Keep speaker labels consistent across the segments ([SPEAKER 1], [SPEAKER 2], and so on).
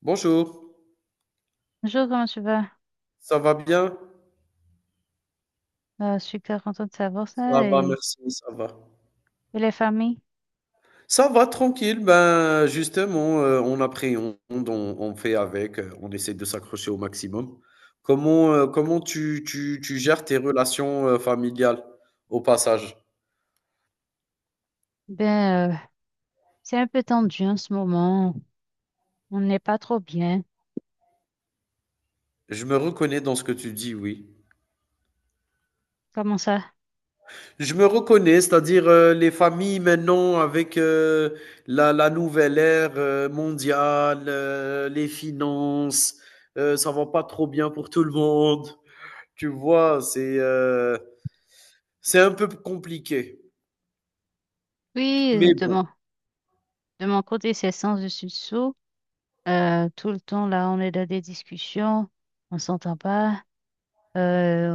[SPEAKER 1] Bonjour,
[SPEAKER 2] Bonjour, comment tu vas?
[SPEAKER 1] ça va bien?
[SPEAKER 2] Je suis très contente de savoir
[SPEAKER 1] Ça
[SPEAKER 2] ça.
[SPEAKER 1] va,
[SPEAKER 2] Et,
[SPEAKER 1] merci, ça va.
[SPEAKER 2] et les familles?
[SPEAKER 1] Ça va, tranquille, ben justement, on appréhende, on fait avec, on essaie de s'accrocher au maximum. Comment, comment tu gères tes relations, familiales, au passage?
[SPEAKER 2] Ben, euh, c'est un peu tendu en ce moment. On n'est pas trop bien.
[SPEAKER 1] Je me reconnais dans ce que tu dis, oui.
[SPEAKER 2] Comment ça?
[SPEAKER 1] Je me reconnais, c'est-à-dire, les familles maintenant avec, la nouvelle ère, mondiale, les finances, ça va pas trop bien pour tout le monde. Tu vois, c'est un peu compliqué.
[SPEAKER 2] Oui, euh,
[SPEAKER 1] Mais
[SPEAKER 2] de
[SPEAKER 1] bon,
[SPEAKER 2] mon, de mon côté, c'est sens dessus dessous. Tout le temps, là, on est dans des discussions. On s'entend pas. Euh,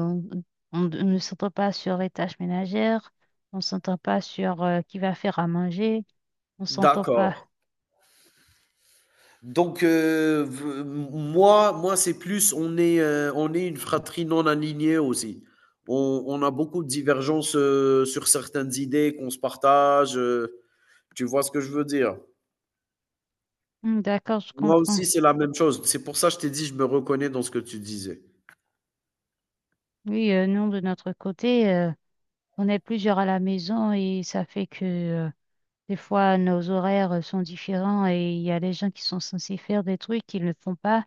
[SPEAKER 2] on, on ne s'entend pas sur les tâches ménagères. On s'entend pas sur qui va faire à manger. On s'entend
[SPEAKER 1] d'accord.
[SPEAKER 2] pas.
[SPEAKER 1] Donc v m moi moi, c'est plus on est une fratrie non alignée aussi. On a beaucoup de divergences, sur certaines idées qu'on se partage, tu vois ce que je veux dire?
[SPEAKER 2] D'accord, je
[SPEAKER 1] Moi
[SPEAKER 2] comprends.
[SPEAKER 1] aussi, c'est la même chose. C'est pour ça que je t'ai dit, je me reconnais dans ce que tu disais.
[SPEAKER 2] Oui, nous, de notre côté, on est plusieurs à la maison et ça fait que des fois nos horaires sont différents et il y a des gens qui sont censés faire des trucs qu'ils ne font pas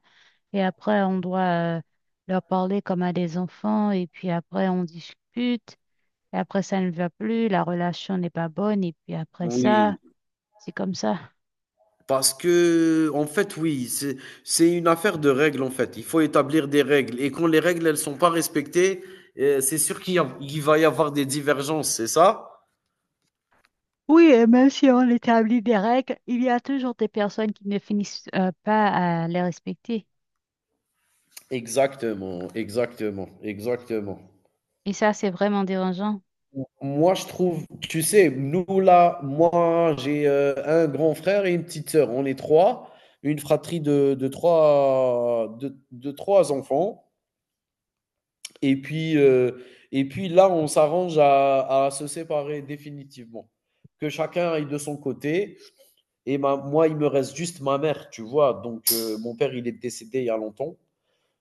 [SPEAKER 2] et après on doit leur parler comme à des enfants et puis après on discute et après ça ne va plus, la relation n'est pas bonne et puis après ça,
[SPEAKER 1] Oui,
[SPEAKER 2] c'est comme ça.
[SPEAKER 1] parce que, en fait, oui, c'est une affaire de règles, en fait. Il faut établir des règles. Et quand les règles, elles sont pas respectées, c'est sûr il va y avoir des divergences, c'est ça?
[SPEAKER 2] Oui, et même si on établit des règles, il y a toujours des personnes qui ne finissent pas à les respecter.
[SPEAKER 1] Exactement, exactement, exactement.
[SPEAKER 2] Et ça, c'est vraiment dérangeant.
[SPEAKER 1] Moi, je trouve, tu sais, nous là, moi, j'ai un grand frère et une petite sœur. On est trois, une fratrie de trois, de trois enfants. Et puis, euh, et puis là, à se séparer définitivement. Que chacun aille de son côté. Moi, il me reste juste ma mère, tu vois. Donc, mon père, il est décédé il y a longtemps.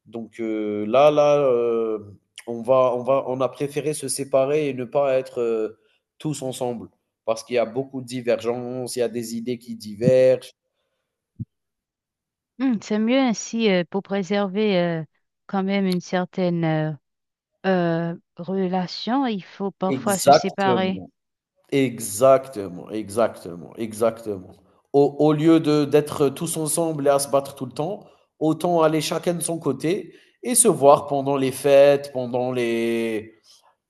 [SPEAKER 1] Donc heu, on va on a préféré se séparer et ne pas être, tous ensemble parce qu'il y a beaucoup de divergences, il y a des idées qui divergent.
[SPEAKER 2] Hmm, c'est mieux ainsi pour préserver quand même une certaine relation. Il faut parfois se séparer.
[SPEAKER 1] Exactement, exactement, exactement, exactement. Au lieu de d'être tous ensemble et à se battre tout le temps, autant aller chacun de son côté et se voir pendant les fêtes, pendant les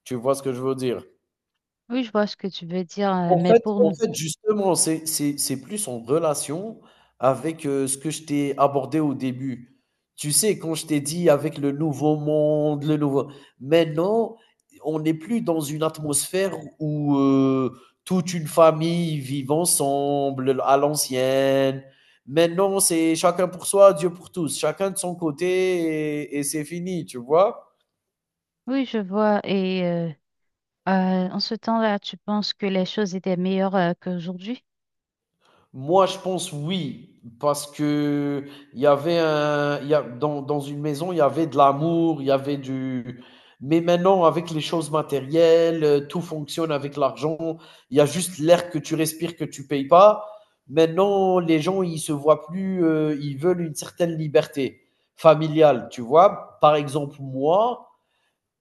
[SPEAKER 1] tu vois ce que je veux dire?
[SPEAKER 2] Oui, je vois ce que tu veux dire,
[SPEAKER 1] En
[SPEAKER 2] mais
[SPEAKER 1] fait
[SPEAKER 2] pour
[SPEAKER 1] en
[SPEAKER 2] nous,
[SPEAKER 1] fait, justement, c'est plus en relation avec, ce que je t'ai abordé au début. Tu sais, quand je t'ai dit avec le nouveau monde, le nouveau maintenant, on n'est plus dans une atmosphère où, toute une famille vit ensemble à l'ancienne. Maintenant, c'est chacun pour soi, Dieu pour tous, chacun de son côté et c'est fini, tu vois?
[SPEAKER 2] oui, je vois. En ce temps-là, tu penses que les choses étaient meilleures qu'aujourd'hui?
[SPEAKER 1] Moi, je pense oui, parce que dans une maison, il y avait de l'amour, il y avait du. Mais maintenant, avec les choses matérielles, tout fonctionne avec l'argent. Il y a juste l'air que tu respires que tu payes pas. Maintenant, les gens, ils se voient plus, ils veulent une certaine liberté familiale, tu vois. Par exemple,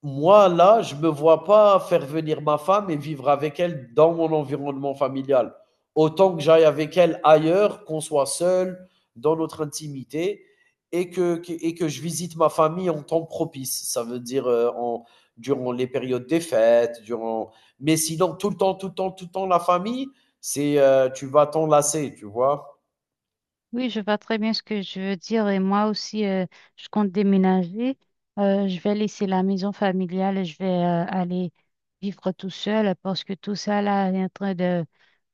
[SPEAKER 1] moi, là, je ne me vois pas faire venir ma femme et vivre avec elle dans mon environnement familial. Autant que j'aille avec elle ailleurs, qu'on soit seul, dans notre intimité, et et que je visite ma famille en temps propice. Ça veut dire durant les périodes des fêtes, durant... Mais sinon, tout le temps, tout le temps, tout le temps, la famille, c'est tu vas t'en lasser, tu vois?
[SPEAKER 2] Oui, je vois très bien ce que je veux dire et moi aussi, je compte déménager. Je vais laisser la maison familiale et je vais aller vivre tout seul parce que tout ça là est en train de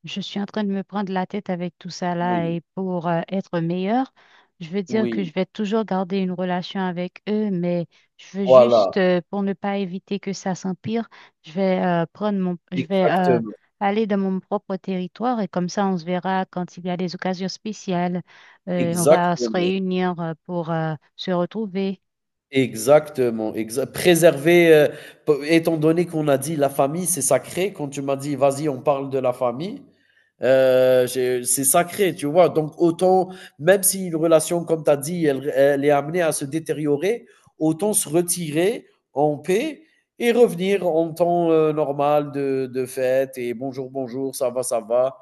[SPEAKER 2] je suis en train de me prendre la tête avec tout ça là
[SPEAKER 1] Oui,
[SPEAKER 2] et pour être meilleure, je veux dire que
[SPEAKER 1] oui,
[SPEAKER 2] je vais toujours garder une relation avec eux, mais je veux
[SPEAKER 1] voilà,
[SPEAKER 2] juste, pour ne pas éviter que ça s'empire, je vais
[SPEAKER 1] exactement,
[SPEAKER 2] aller dans mon propre territoire et comme ça on se verra quand il y a des occasions spéciales. On va se
[SPEAKER 1] exactement.
[SPEAKER 2] réunir pour se retrouver.
[SPEAKER 1] Exactement, exa préserver, p étant donné qu'on a dit la famille, c'est sacré, quand tu m'as dit: «Vas-y, on parle de la famille», euh, c'est sacré, tu vois. Donc, autant, même si une relation, comme tu as dit, elle est amenée à se détériorer, autant se retirer en paix et revenir en temps normal de fête et bonjour, bonjour, ça va, ça va.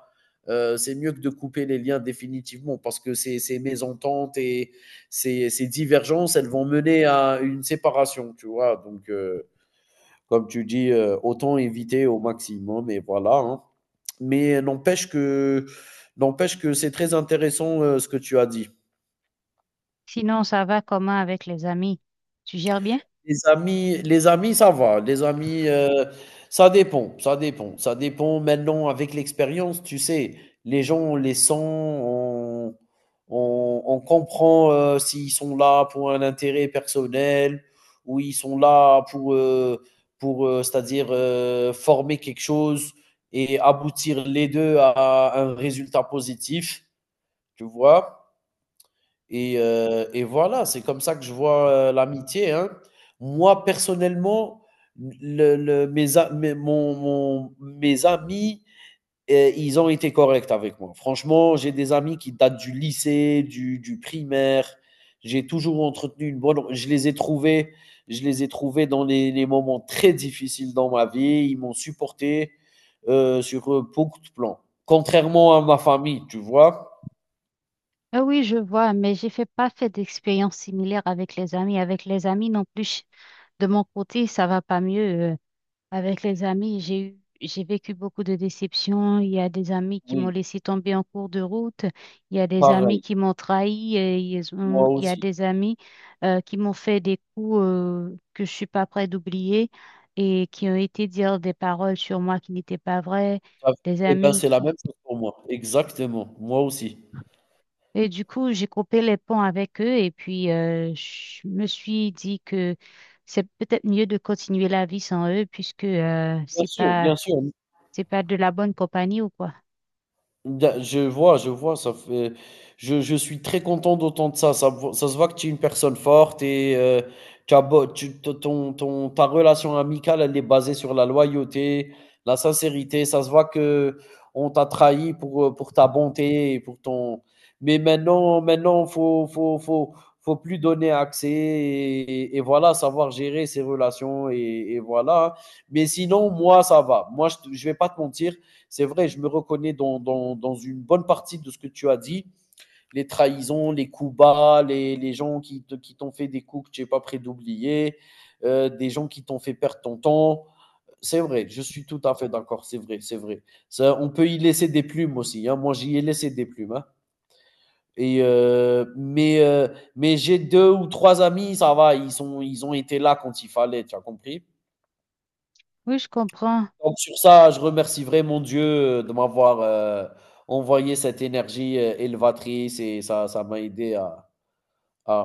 [SPEAKER 1] C'est mieux que de couper les liens définitivement parce que ces mésententes et ces divergences, elles vont mener à une séparation, tu vois. Donc, comme tu dis, autant éviter au maximum et voilà, hein. Mais euh, n'empêche que n'empêche que c'est très intéressant, ce que tu as dit.
[SPEAKER 2] Sinon, ça va comment avec les amis? Tu gères bien?
[SPEAKER 1] Les amis, ça va. Les amis, ça dépend, ça dépend, ça dépend maintenant avec l'expérience, tu sais, les gens, on les sent, on comprend, s'ils sont là pour un intérêt personnel ou ils sont là pour, c'est-à-dire, former quelque chose et aboutir les 2 à un résultat positif, tu vois? Et voilà, c'est comme ça que je vois, l'amitié, hein. Moi, personnellement, le mes a mes mon mon mes amis, ils ont été corrects avec moi. Franchement, j'ai des amis qui datent du lycée, du primaire. J'ai toujours entretenu une bonne je les ai trouvés dans les moments très difficiles dans ma vie. Ils m'ont supporté, sur beaucoup de plans. Contrairement à ma famille, tu vois?
[SPEAKER 2] Ah oui, je vois, mais j'ai fait pas fait d'expérience similaire avec les amis. Avec les amis non plus, de mon côté, ça va pas mieux. Avec les amis, j'ai vécu beaucoup de déceptions. Il y a des amis qui m'ont
[SPEAKER 1] Oui,
[SPEAKER 2] laissé tomber en cours de route. Il y a des amis
[SPEAKER 1] pareil,
[SPEAKER 2] qui m'ont trahi.
[SPEAKER 1] moi
[SPEAKER 2] Il y a
[SPEAKER 1] aussi.
[SPEAKER 2] des amis qui m'ont fait des coups que je suis pas prête d'oublier et qui ont été dire des paroles sur moi qui n'étaient pas vraies.
[SPEAKER 1] Ah,
[SPEAKER 2] Des
[SPEAKER 1] et ben
[SPEAKER 2] amis
[SPEAKER 1] c'est la même
[SPEAKER 2] qui
[SPEAKER 1] chose pour moi, exactement, moi aussi.
[SPEAKER 2] Et du coup, j'ai coupé les ponts avec eux et puis je me suis dit que c'est peut-être mieux de continuer la vie sans eux puisque
[SPEAKER 1] Bien sûr, bien sûr.
[SPEAKER 2] c'est pas de la bonne compagnie ou quoi.
[SPEAKER 1] Je vois, ça fait... je suis très content d'entendre ça. Ça se voit que tu es une personne forte et tu as beau- tu- t- ta relation amicale, elle est basée sur la loyauté, la sincérité. Ça se voit que on t'a trahi pour ta bonté et pour ton. Mais maintenant, maintenant, faut plus donner accès et voilà, savoir gérer ses relations et voilà. Mais sinon, moi, ça va. Moi, je vais pas te mentir. C'est vrai, je me reconnais dans une bonne partie de ce que tu as dit. Les trahisons, les coups bas, les gens qui t'ont fait des coups que tu n'es pas prêt d'oublier, des gens qui t'ont fait perdre ton temps. C'est vrai, je suis tout à fait d'accord. C'est vrai, c'est vrai. Ça, on peut y laisser des plumes aussi. Hein. Moi, j'y ai laissé des plumes. Hein. Et euh, mais euh, mais j'ai deux ou trois amis, ça va, ils ont été là quand il fallait, tu as compris.
[SPEAKER 2] Oui, je comprends.
[SPEAKER 1] Donc sur ça, je remercie vraiment Dieu, de m'avoir, envoyé cette énergie, élevatrice et ça m'a aidé à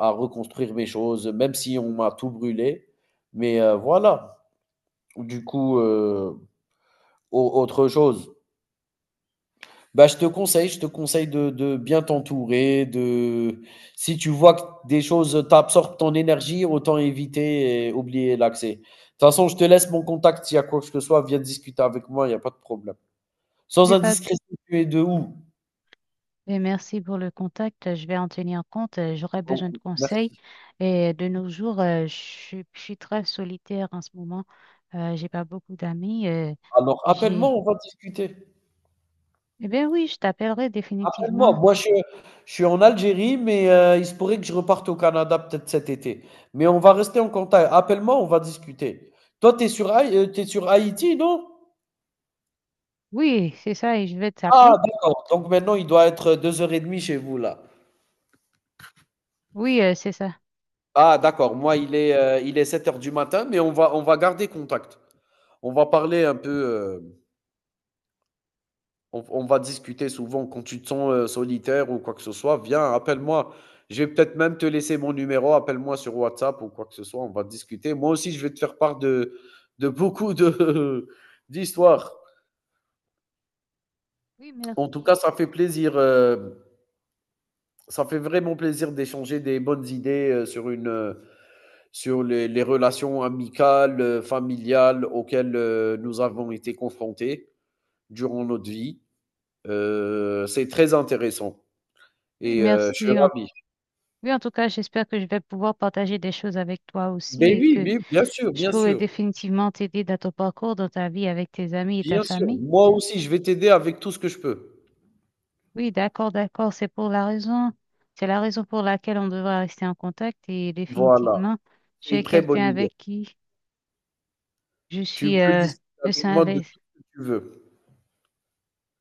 [SPEAKER 1] à reconstruire mes choses, même si on m'a tout brûlé. Mais, voilà, du coup, au autre chose, bah, je te conseille de bien t'entourer, de si tu vois que des choses t'absorbent ton énergie, autant éviter et oublier l'accès. De toute façon, je te laisse mon contact, s'il y a quoi que ce soit, viens discuter avec moi, il y a pas de problème. Sans
[SPEAKER 2] Mais pas
[SPEAKER 1] indiscrétion, tu es de où?
[SPEAKER 2] mais merci pour le contact. Je vais en tenir compte. J'aurai
[SPEAKER 1] Oh,
[SPEAKER 2] besoin de conseils.
[SPEAKER 1] merci.
[SPEAKER 2] Et de nos jours, je suis très solitaire en ce moment. J'ai pas beaucoup d'amis.
[SPEAKER 1] Alors appelle-moi,
[SPEAKER 2] J'ai
[SPEAKER 1] on va discuter.
[SPEAKER 2] Eh bien oui, je t'appellerai définitivement.
[SPEAKER 1] Appelle-moi. Moi, je suis en Algérie, mais il se pourrait que je reparte au Canada peut-être cet été. Mais on va rester en contact. Appelle-moi, on va discuter. Toi, tu sur Haïti, non?
[SPEAKER 2] Oui, c'est ça et je vais
[SPEAKER 1] Ah
[SPEAKER 2] t'appeler.
[SPEAKER 1] d'accord, donc maintenant il doit être 2:30 chez vous là.
[SPEAKER 2] Oui, c'est ça.
[SPEAKER 1] Ah d'accord, moi il est 7 heures du matin, mais on va garder contact. On va parler un peu, heu. On va discuter souvent quand tu te sens, solitaire ou quoi que ce soit, viens, appelle-moi. Je vais peut-être même te laisser mon numéro, appelle-moi sur WhatsApp ou quoi que ce soit, on va discuter. Moi aussi, je vais te faire part de beaucoup de d'histoires.
[SPEAKER 2] Oui,
[SPEAKER 1] En tout cas,
[SPEAKER 2] merci.
[SPEAKER 1] ça fait plaisir, ça fait vraiment plaisir d'échanger des bonnes idées, sur les relations amicales, familiales auxquelles, nous avons été confrontés durant notre vie. C'est très intéressant
[SPEAKER 2] Oui,
[SPEAKER 1] et je suis
[SPEAKER 2] merci. En-
[SPEAKER 1] ravi.
[SPEAKER 2] Oui, en tout cas, j'espère que je vais pouvoir partager des choses avec toi aussi
[SPEAKER 1] Ben
[SPEAKER 2] et
[SPEAKER 1] oui,
[SPEAKER 2] que
[SPEAKER 1] mais bien sûr,
[SPEAKER 2] je
[SPEAKER 1] bien
[SPEAKER 2] pourrai
[SPEAKER 1] sûr,
[SPEAKER 2] définitivement t'aider dans ton parcours, dans ta vie avec tes amis et ta
[SPEAKER 1] bien sûr.
[SPEAKER 2] famille.
[SPEAKER 1] Moi aussi, je vais t'aider avec tout ce que je peux.
[SPEAKER 2] Oui, d'accord, d'accord. C'est la raison pour laquelle on devra rester en contact et
[SPEAKER 1] Voilà,
[SPEAKER 2] définitivement, tu
[SPEAKER 1] c'est
[SPEAKER 2] es
[SPEAKER 1] une très
[SPEAKER 2] quelqu'un
[SPEAKER 1] bonne idée.
[SPEAKER 2] avec qui je
[SPEAKER 1] Tu
[SPEAKER 2] suis,
[SPEAKER 1] peux
[SPEAKER 2] euh,
[SPEAKER 1] discuter
[SPEAKER 2] me sens
[SPEAKER 1] avec
[SPEAKER 2] à
[SPEAKER 1] moi de
[SPEAKER 2] l'aise.
[SPEAKER 1] tout ce que tu veux.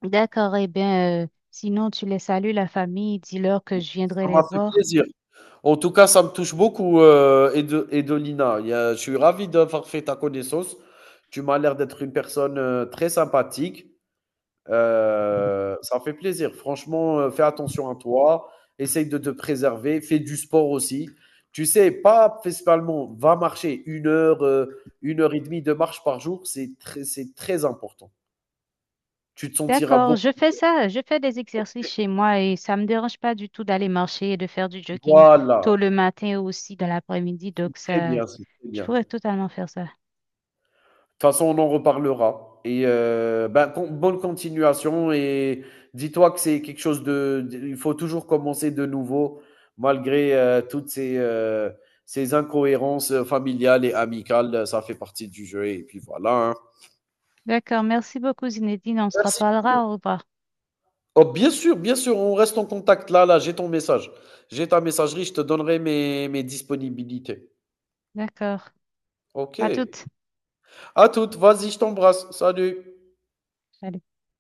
[SPEAKER 2] D'accord, eh bien, sinon, tu les salues, la famille, dis-leur que je viendrai
[SPEAKER 1] Ça
[SPEAKER 2] les
[SPEAKER 1] m'a fait
[SPEAKER 2] voir.
[SPEAKER 1] plaisir. En tout cas, ça me touche beaucoup, heu, Edolina. Il y a Je suis ravi d'avoir fait ta connaissance. Tu m'as l'air d'être une personne, très sympathique. Ça fait plaisir. Franchement, fais attention à toi, essaye de te préserver, fais du sport aussi. Tu sais, pas principalement, va marcher une heure, une heure et demie de marche par jour, c'est très important. Tu te sentiras
[SPEAKER 2] D'accord,
[SPEAKER 1] beaucoup.
[SPEAKER 2] je fais ça, je fais des exercices chez moi et ça me dérange pas du tout d'aller marcher et de faire du jogging
[SPEAKER 1] Voilà,
[SPEAKER 2] tôt le matin et aussi dans l'après-midi.
[SPEAKER 1] c'est
[SPEAKER 2] Donc
[SPEAKER 1] très
[SPEAKER 2] ça,
[SPEAKER 1] bien, c'est très
[SPEAKER 2] je
[SPEAKER 1] bien.
[SPEAKER 2] pourrais totalement faire ça.
[SPEAKER 1] Toute façon, on en reparlera. Et ben, bonne continuation. Et dis-toi que c'est quelque chose Il faut toujours commencer de nouveau, malgré toutes ces, ces incohérences familiales et amicales. Ça fait partie du jeu. Et puis voilà, hein.
[SPEAKER 2] D'accord, merci beaucoup Zinedine, on se
[SPEAKER 1] Merci.
[SPEAKER 2] reparlera, au revoir.
[SPEAKER 1] Oh, bien sûr, on reste en contact. Là, là, j'ai ton message. J'ai ta messagerie. Je te donnerai mes disponibilités.
[SPEAKER 2] D'accord, à
[SPEAKER 1] OK.
[SPEAKER 2] toutes.
[SPEAKER 1] À toutes. Vas-y, je t'embrasse. Salut.
[SPEAKER 2] Salut.